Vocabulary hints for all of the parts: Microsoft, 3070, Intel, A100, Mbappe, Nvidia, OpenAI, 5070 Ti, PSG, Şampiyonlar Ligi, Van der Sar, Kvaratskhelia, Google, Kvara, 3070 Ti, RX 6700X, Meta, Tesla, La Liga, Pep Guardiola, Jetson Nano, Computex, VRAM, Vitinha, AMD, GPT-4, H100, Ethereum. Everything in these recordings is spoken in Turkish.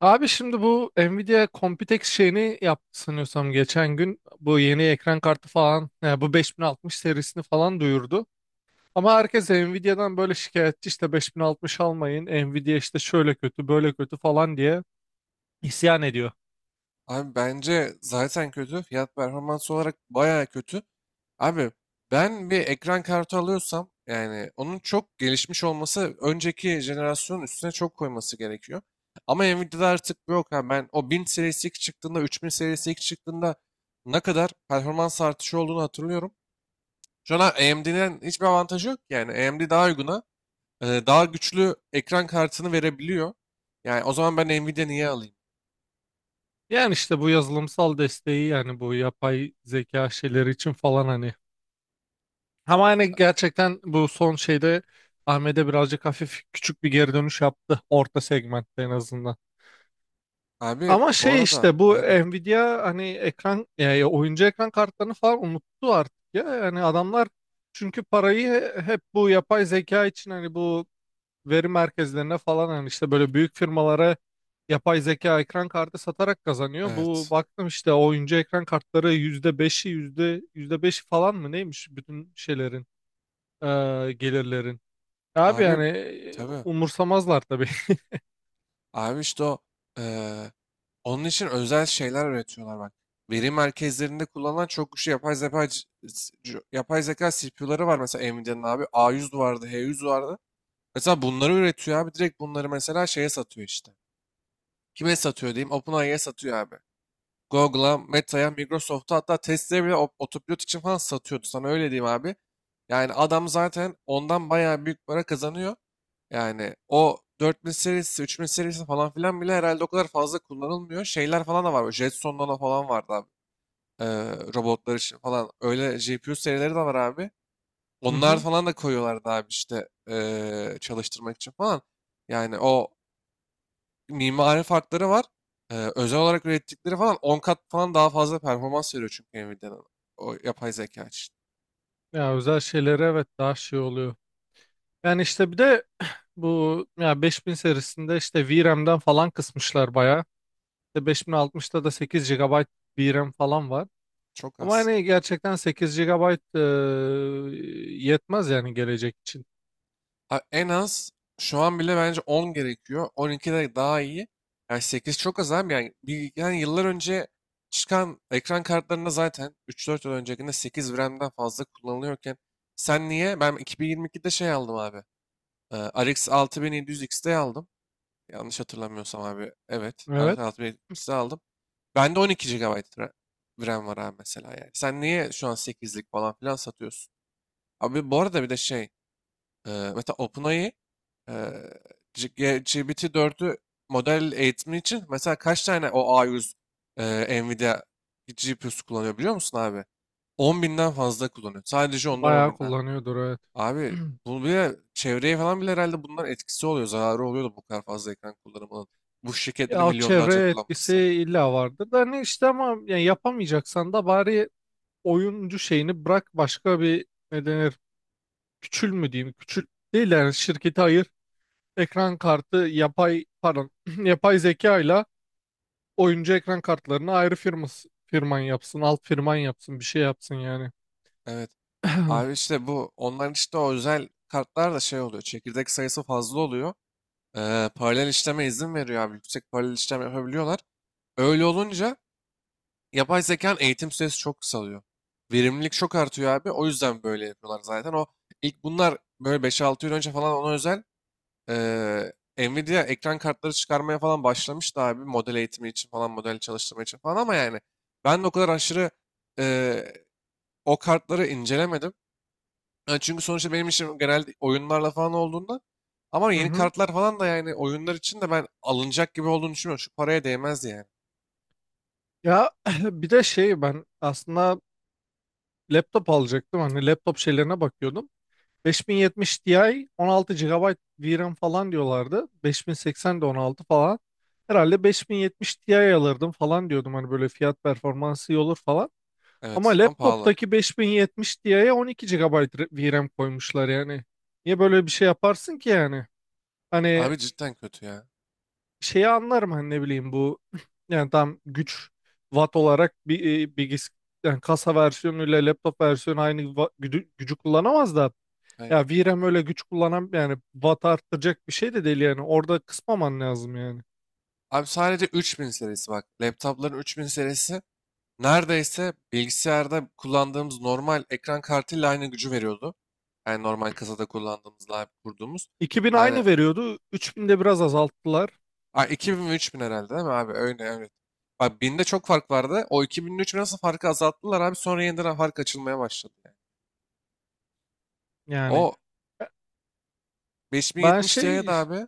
Abi, şimdi bu Nvidia Computex şeyini yaptı sanıyorsam geçen gün. Bu yeni ekran kartı falan, yani bu 5060 serisini falan duyurdu. Ama herkes Nvidia'dan böyle şikayetçi, işte 5060 almayın, Nvidia işte şöyle kötü, böyle kötü falan diye isyan ediyor. Abi bence zaten kötü. Fiyat performans olarak bayağı kötü. Abi ben bir ekran kartı alıyorsam yani onun çok gelişmiş olması önceki jenerasyonun üstüne çok koyması gerekiyor. Ama Nvidia'da artık bu yok abi. Ben o 1000 serisi ilk çıktığında 3000 serisi ilk çıktığında ne kadar performans artışı olduğunu hatırlıyorum. Şu an AMD'den hiçbir avantajı yok ki. Yani AMD daha uyguna, daha güçlü ekran kartını verebiliyor. Yani o zaman ben Nvidia niye alayım? Yani işte bu yazılımsal desteği, yani bu yapay zeka şeyleri için falan hani. Ama hani gerçekten bu son şeyde AMD birazcık hafif, küçük bir geri dönüş yaptı. Orta segmentte en azından. Abi Ama bu şey, arada işte bu aynen. Nvidia hani ekran, yani oyuncu ekran kartlarını falan unuttu artık ya. Yani adamlar çünkü parayı hep bu yapay zeka için, hani bu veri merkezlerine falan, hani işte böyle büyük firmalara yapay zeka ekran kartı satarak kazanıyor. Bu Evet. baktım, işte oyuncu ekran kartları yüzde beşi, yüzde beşi falan mı neymiş, bütün şeylerin, gelirlerin. Abi yani, Abi tabii. umursamazlar tabii. Abi işte o, eee, onun için özel şeyler üretiyorlar bak. Veri merkezlerinde kullanılan çok güçlü yapay zeka yapay zeka CPU'ları var mesela Nvidia'nın abi. A100 vardı, H100 vardı. Mesela bunları üretiyor abi. Direkt bunları mesela şeye satıyor işte. Kime satıyor diyeyim? OpenAI'ye satıyor abi. Google'a, Meta'ya, Microsoft'a hatta Tesla'ya bile otopilot için falan satıyordu. Sana öyle diyeyim abi. Yani adam zaten ondan bayağı büyük para kazanıyor. Yani o 4000 serisi, 3000 serisi falan filan bile herhalde o kadar fazla kullanılmıyor. Şeyler falan da var. Böyle Jetson Nano falan vardı abi. Ee, Robotlar için falan. Öyle GPU serileri de var abi. Hı Onlar hı. falan da koyuyorlardı abi işte, çalıştırmak için falan. Yani o mimari farkları var. Özel olarak ürettikleri falan 10 kat falan daha fazla performans veriyor çünkü Nvidia'nın o yapay zeka için. Ya özel şeylere, evet, daha şey oluyor. Yani işte bir de, bu ya, 5000 serisinde işte VRAM'den falan kısmışlar bayağı. İşte 5060'ta da 8 GB VRAM falan var. Çok Ama az. hani gerçekten 8 GB yetmez yani, gelecek için. Ha, en az şu an bile bence 10 gerekiyor. 12 de daha iyi. Yani 8 çok az abi. Yani yıllar önce çıkan ekran kartlarında zaten 3-4 yıl öncekinde 8 RAM'den fazla kullanılıyorken sen niye? Ben 2022'de şey aldım abi. RX 6700X'de aldım. Yanlış hatırlamıyorsam abi. Evet. RX Evet. 6700X'de aldım. Bende 12 gigabayt RAM var abi mesela yani. Sen niye şu an 8'lik falan filan satıyorsun? Abi bu arada bir de şey. Mesela OpenAI, Eee, GPT-4'ü model eğitimi için mesela kaç tane o A100 Nvidia GPU'su kullanıyor biliyor musun abi? 10 binden fazla kullanıyor. Sadece ondan 10 Bayağı binden. kullanıyordur, evet. Abi bu bile çevreye falan bile herhalde bunların etkisi oluyor. Zararı oluyor da bu kadar fazla ekran kullanımının. Bu şirketleri Ya, o milyonlarca çevreye etkisi kullanması. illa vardır da hani, işte ama yani yapamayacaksan da bari oyuncu şeyini bırak, başka bir, ne denir, küçül mü diyeyim? Küçül değil yani, şirketi ayır, ekran kartı yapay, pardon, yapay zeka ile oyuncu ekran kartlarını ayrı, firması firman yapsın, alt firman yapsın, bir şey yapsın yani. Evet. Abi işte bu onların işte o özel kartlar da şey oluyor. Çekirdek sayısı fazla oluyor. Paralel işleme izin veriyor abi. Yüksek paralel işlem yapabiliyorlar. Öyle olunca yapay zekanın eğitim süresi çok kısalıyor. Verimlilik çok artıyor abi. O yüzden böyle yapıyorlar zaten. O ilk bunlar böyle 5-6 yıl önce falan ona özel eee Nvidia ekran kartları çıkarmaya falan başlamıştı abi. Model eğitimi için falan, model çalıştırma için falan ama yani ben de o kadar aşırı eee, o kartları incelemedim. Yani çünkü sonuçta benim işim genelde oyunlarla falan olduğunda, ama Hı yeni hı. kartlar falan da yani oyunlar için de ben alınacak gibi olduğunu düşünmüyorum. Şu paraya değmez yani. Ya, bir de şey, ben aslında laptop alacaktım, hani laptop şeylerine bakıyordum. 5070 Ti 16 gigabayt VRAM falan diyorlardı. 5080 de 16 falan. Herhalde 5070 Ti alırdım falan diyordum, hani böyle fiyat performansı iyi olur falan. Ama Evet ama pahalı. laptoptaki 5070 Ti'ye 12 GB VRAM koymuşlar yani. Niye böyle bir şey yaparsın ki yani? Hani Abi cidden kötü ya. şeyi anlarım, hani ne bileyim, bu yani tam güç, watt olarak bir e, bilgis yani kasa versiyonuyla laptop versiyonu aynı gücü kullanamaz da, Aynen. ya VRAM öyle güç kullanan, yani watt arttıracak bir şey de değil yani. Orada kısmaman lazım yani. Abi sadece 3000 serisi bak. Laptopların 3000 serisi neredeyse bilgisayarda kullandığımız normal ekran kartıyla aynı gücü veriyordu. Yani normal kasada kullandığımızla abi kurduğumuz. 2000 Aynı. aynı veriyordu, 3000'de biraz azalttılar. Aa, 2000 ve 3000 herhalde değil mi abi? Öyle evet. Bak binde çok fark vardı. O 2000 ile 3000 nasıl farkı azalttılar abi? Sonra yeniden fark açılmaya başladı yani. Yani O ben 5070 Ti'ye de şey, abi,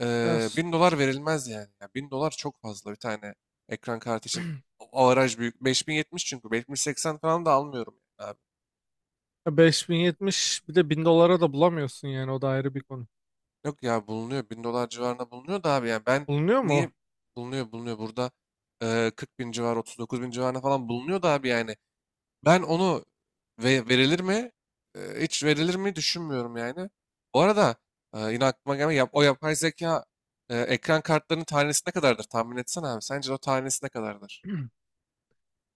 1000 dolar verilmez yani. Ya 1000 dolar çok fazla bir tane ekran kartı için. Avaraj büyük. 5070 çünkü. 5080 falan da almıyorum yani abi. ya 5070 bir de 1000 dolara da bulamıyorsun, yani o da ayrı bir konu. Yok ya, bulunuyor. 1000 dolar civarında bulunuyor da abi yani ben Bulunuyor mu o? niye, bulunuyor burada, 40 bin civarı, 39 bin civarına falan bulunuyor da abi yani. Ben onu ve verilir mi? Hiç verilir mi düşünmüyorum yani. Bu arada yine aklıma gelme yap, o yapay zeka ekran kartlarının tanesi ne kadardır tahmin etsene abi. Sence o tanesi ne kadardır?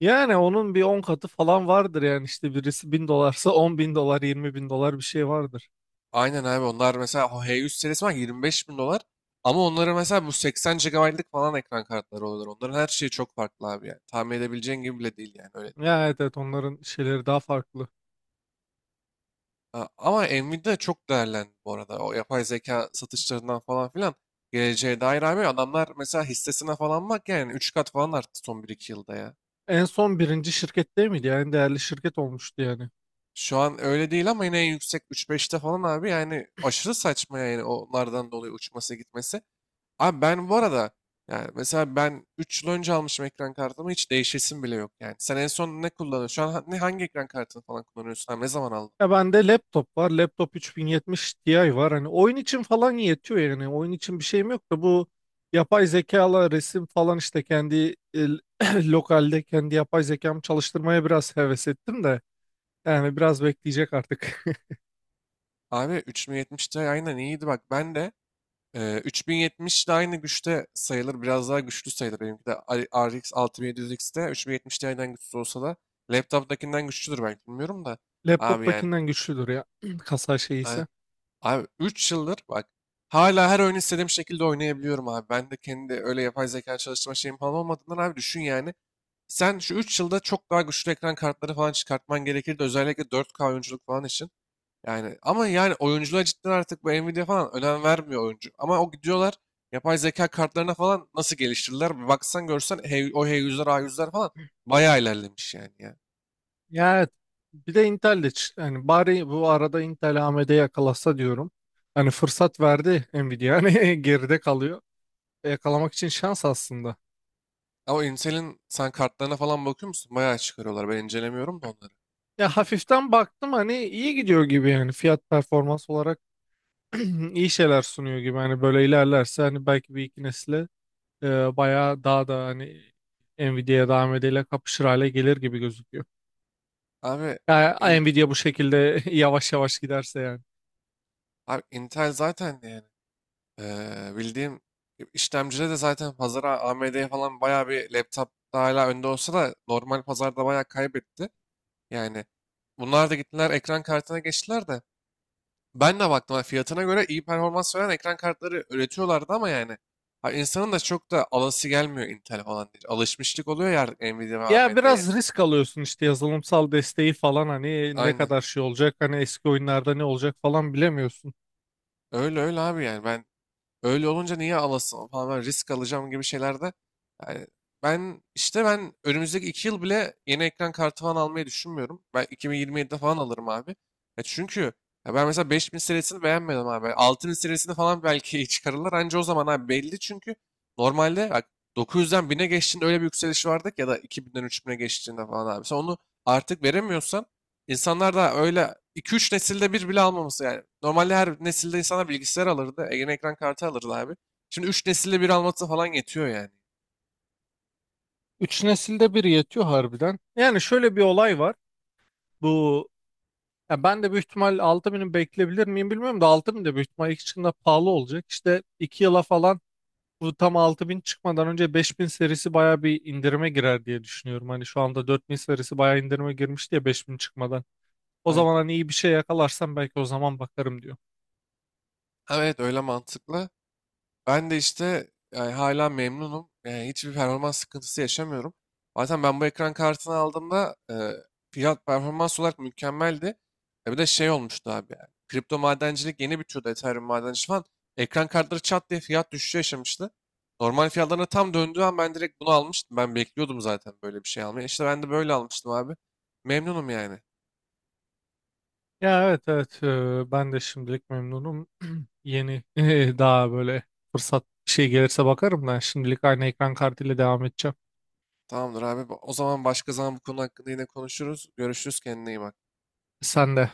Yani onun bir 10 katı falan vardır yani, işte birisi 1000 dolarsa $10.000, $20.000 bir şey vardır. Aynen abi, onlar mesela o H100 serisi var, 25 bin dolar. Ama onların mesela bu 80 gigabaytlık falan ekran kartları oluyor. Onların her şeyi çok farklı abi yani. Tahmin edebileceğin gibi bile değil yani öyle. Ya, evet evet, onların şeyleri daha farklı. Ha, ama Nvidia çok değerlendi bu arada. O yapay zeka satışlarından falan filan. Geleceğe dair abi adamlar mesela hissesine falan bak yani 3 kat falan arttı son 1-2 yılda ya. En son birinci şirket değil miydi? Yani en değerli şirket olmuştu yani. Şu an öyle değil ama yine en yüksek 3-5'te falan abi yani aşırı saçma yani onlardan dolayı uçması gitmesi. Abi ben bu arada yani mesela ben 3 yıl önce almışım ekran kartımı, hiç değişesim bile yok yani. Sen en son ne kullanıyorsun? Şu an ha- ne hangi ekran kartını falan kullanıyorsun? Abi ne zaman aldın? Ya bende laptop var. Laptop 3070 Ti var. Hani oyun için falan yetiyor yani. Oyun için bir şeyim yok da, bu yapay zekalı resim falan işte, kendi lokalde kendi yapay zekamı çalıştırmaya biraz heves ettim de. Yani biraz bekleyecek artık. Abi 3070 Ti aynen iyiydi bak. Ben de 3070 de aynı güçte sayılır. Biraz daha güçlü sayılır. Benimki de RX 6700X'te 3070 Ti'den güçsüz olsa da laptop'takinden güçlüdür belki, bilmiyorum da. Abi yani. Laptoptakinden güçlüdür ya. Kasa şeyi ise. Abi 3 yıldır bak hala her oyun istediğim şekilde oynayabiliyorum abi. Ben de kendi öyle yapay zeka çalıştırma şeyim falan olmadığından abi düşün yani. Sen şu 3 yılda çok daha güçlü ekran kartları falan çıkartman gerekirdi. Özellikle 4K oyunculuk falan için. Yani ama yani oyunculuğa cidden artık bu Nvidia falan önem vermiyor oyuncu. Ama o gidiyorlar yapay zeka kartlarına falan nasıl geliştirdiler. Bir baksan görsen, o h yüzler a yüzler falan bayağı ilerlemiş yani ya. Ya evet. Bir de Intel de hani, bari bu arada Intel, AMD yakalasa diyorum. Hani fırsat verdi Nvidia. Hani geride kalıyor. Yakalamak için şans aslında. Ama Intel'in sen kartlarına falan bakıyor musun? Bayağı çıkarıyorlar. Ben incelemiyorum da onları. Ya hafiften baktım, hani iyi gidiyor gibi yani fiyat performans olarak, iyi şeyler sunuyor gibi, hani böyle ilerlerse hani belki bir iki nesle bayağı daha da hani Nvidia'ya, daha AMD'yle kapışır hale gelir gibi gözüküyor. Abi Ya Nvidia bu şekilde yavaş yavaş giderse yani. Abi Intel zaten yani bildiğim işlemcide de zaten pazara AMD'ye falan bayağı bir, laptopta hala önde olsa da normal pazarda bayağı kaybetti. Yani bunlar da gittiler ekran kartına geçtiler de, ben de baktım ha, fiyatına göre iyi performans veren ekran kartları üretiyorlardı ama yani ha, insanın da çok da alası gelmiyor Intel falan diye. Alışmışlık oluyor ya artık Nvidia ve Ya AMD'ye. biraz risk alıyorsun işte, yazılımsal desteği falan hani ne Aynen. kadar şey olacak, hani eski oyunlarda ne olacak falan, bilemiyorsun. Öyle öyle abi yani ben, öyle olunca niye alasın falan, ben risk alacağım gibi şeylerde. Yani ben işte önümüzdeki 2 yıl bile yeni ekran kartı falan almayı düşünmüyorum. Ben 2027'de falan alırım abi. Ya çünkü ya ben mesela 5000 serisini beğenmedim abi. 6000 serisini falan belki iyi çıkarırlar. Anca o zaman abi belli çünkü normalde bak 900'den 1000'e geçtiğinde öyle bir yükseliş vardı ki, ya da 2000'den 3000'e geçtiğinde falan abi. Sen onu artık veremiyorsan İnsanlar da öyle 2-3 nesilde bir bile almaması yani. Normalde her nesilde insanlar bilgisayar alırdı. Yeni ekran kartı alırdı abi. Şimdi 3 nesilde bir alması falan yetiyor yani. Üç nesilde bir yetiyor harbiden. Yani şöyle bir olay var. Bu Ya ben de büyük ihtimal 6000'i bekleyebilir miyim bilmiyorum da, 6000 de büyük ihtimal ilk çıktığında pahalı olacak. İşte 2 yıla falan, bu tam 6000 çıkmadan önce 5000 serisi baya bir indirime girer diye düşünüyorum. Hani şu anda 4000 serisi baya indirime girmiş diye, 5000 çıkmadan. O Aynen. zaman hani iyi bir şey yakalarsam belki o zaman bakarım diyor. Evet öyle mantıklı. Ben de işte yani hala memnunum. Yani hiçbir performans sıkıntısı yaşamıyorum. Zaten ben bu ekran kartını aldığımda fiyat performans olarak mükemmeldi. E bir de şey olmuştu abi yani. Kripto madencilik yeni bitiyordu, Ethereum madenciliği falan. Ekran kartları çat diye fiyat düşüşü yaşamıştı. Normal fiyatlarına tam döndüğü an ben direkt bunu almıştım. Ben bekliyordum zaten böyle bir şey almayı. İşte ben de böyle almıştım abi. Memnunum yani. Ya, evet evet, ben de şimdilik memnunum. Yeni daha böyle fırsat bir şey gelirse bakarım, ben şimdilik aynı ekran kartıyla devam edeceğim. Tamamdır abi. O zaman başka zaman bu konu hakkında yine konuşuruz. Görüşürüz. Kendine iyi bak. Sen de.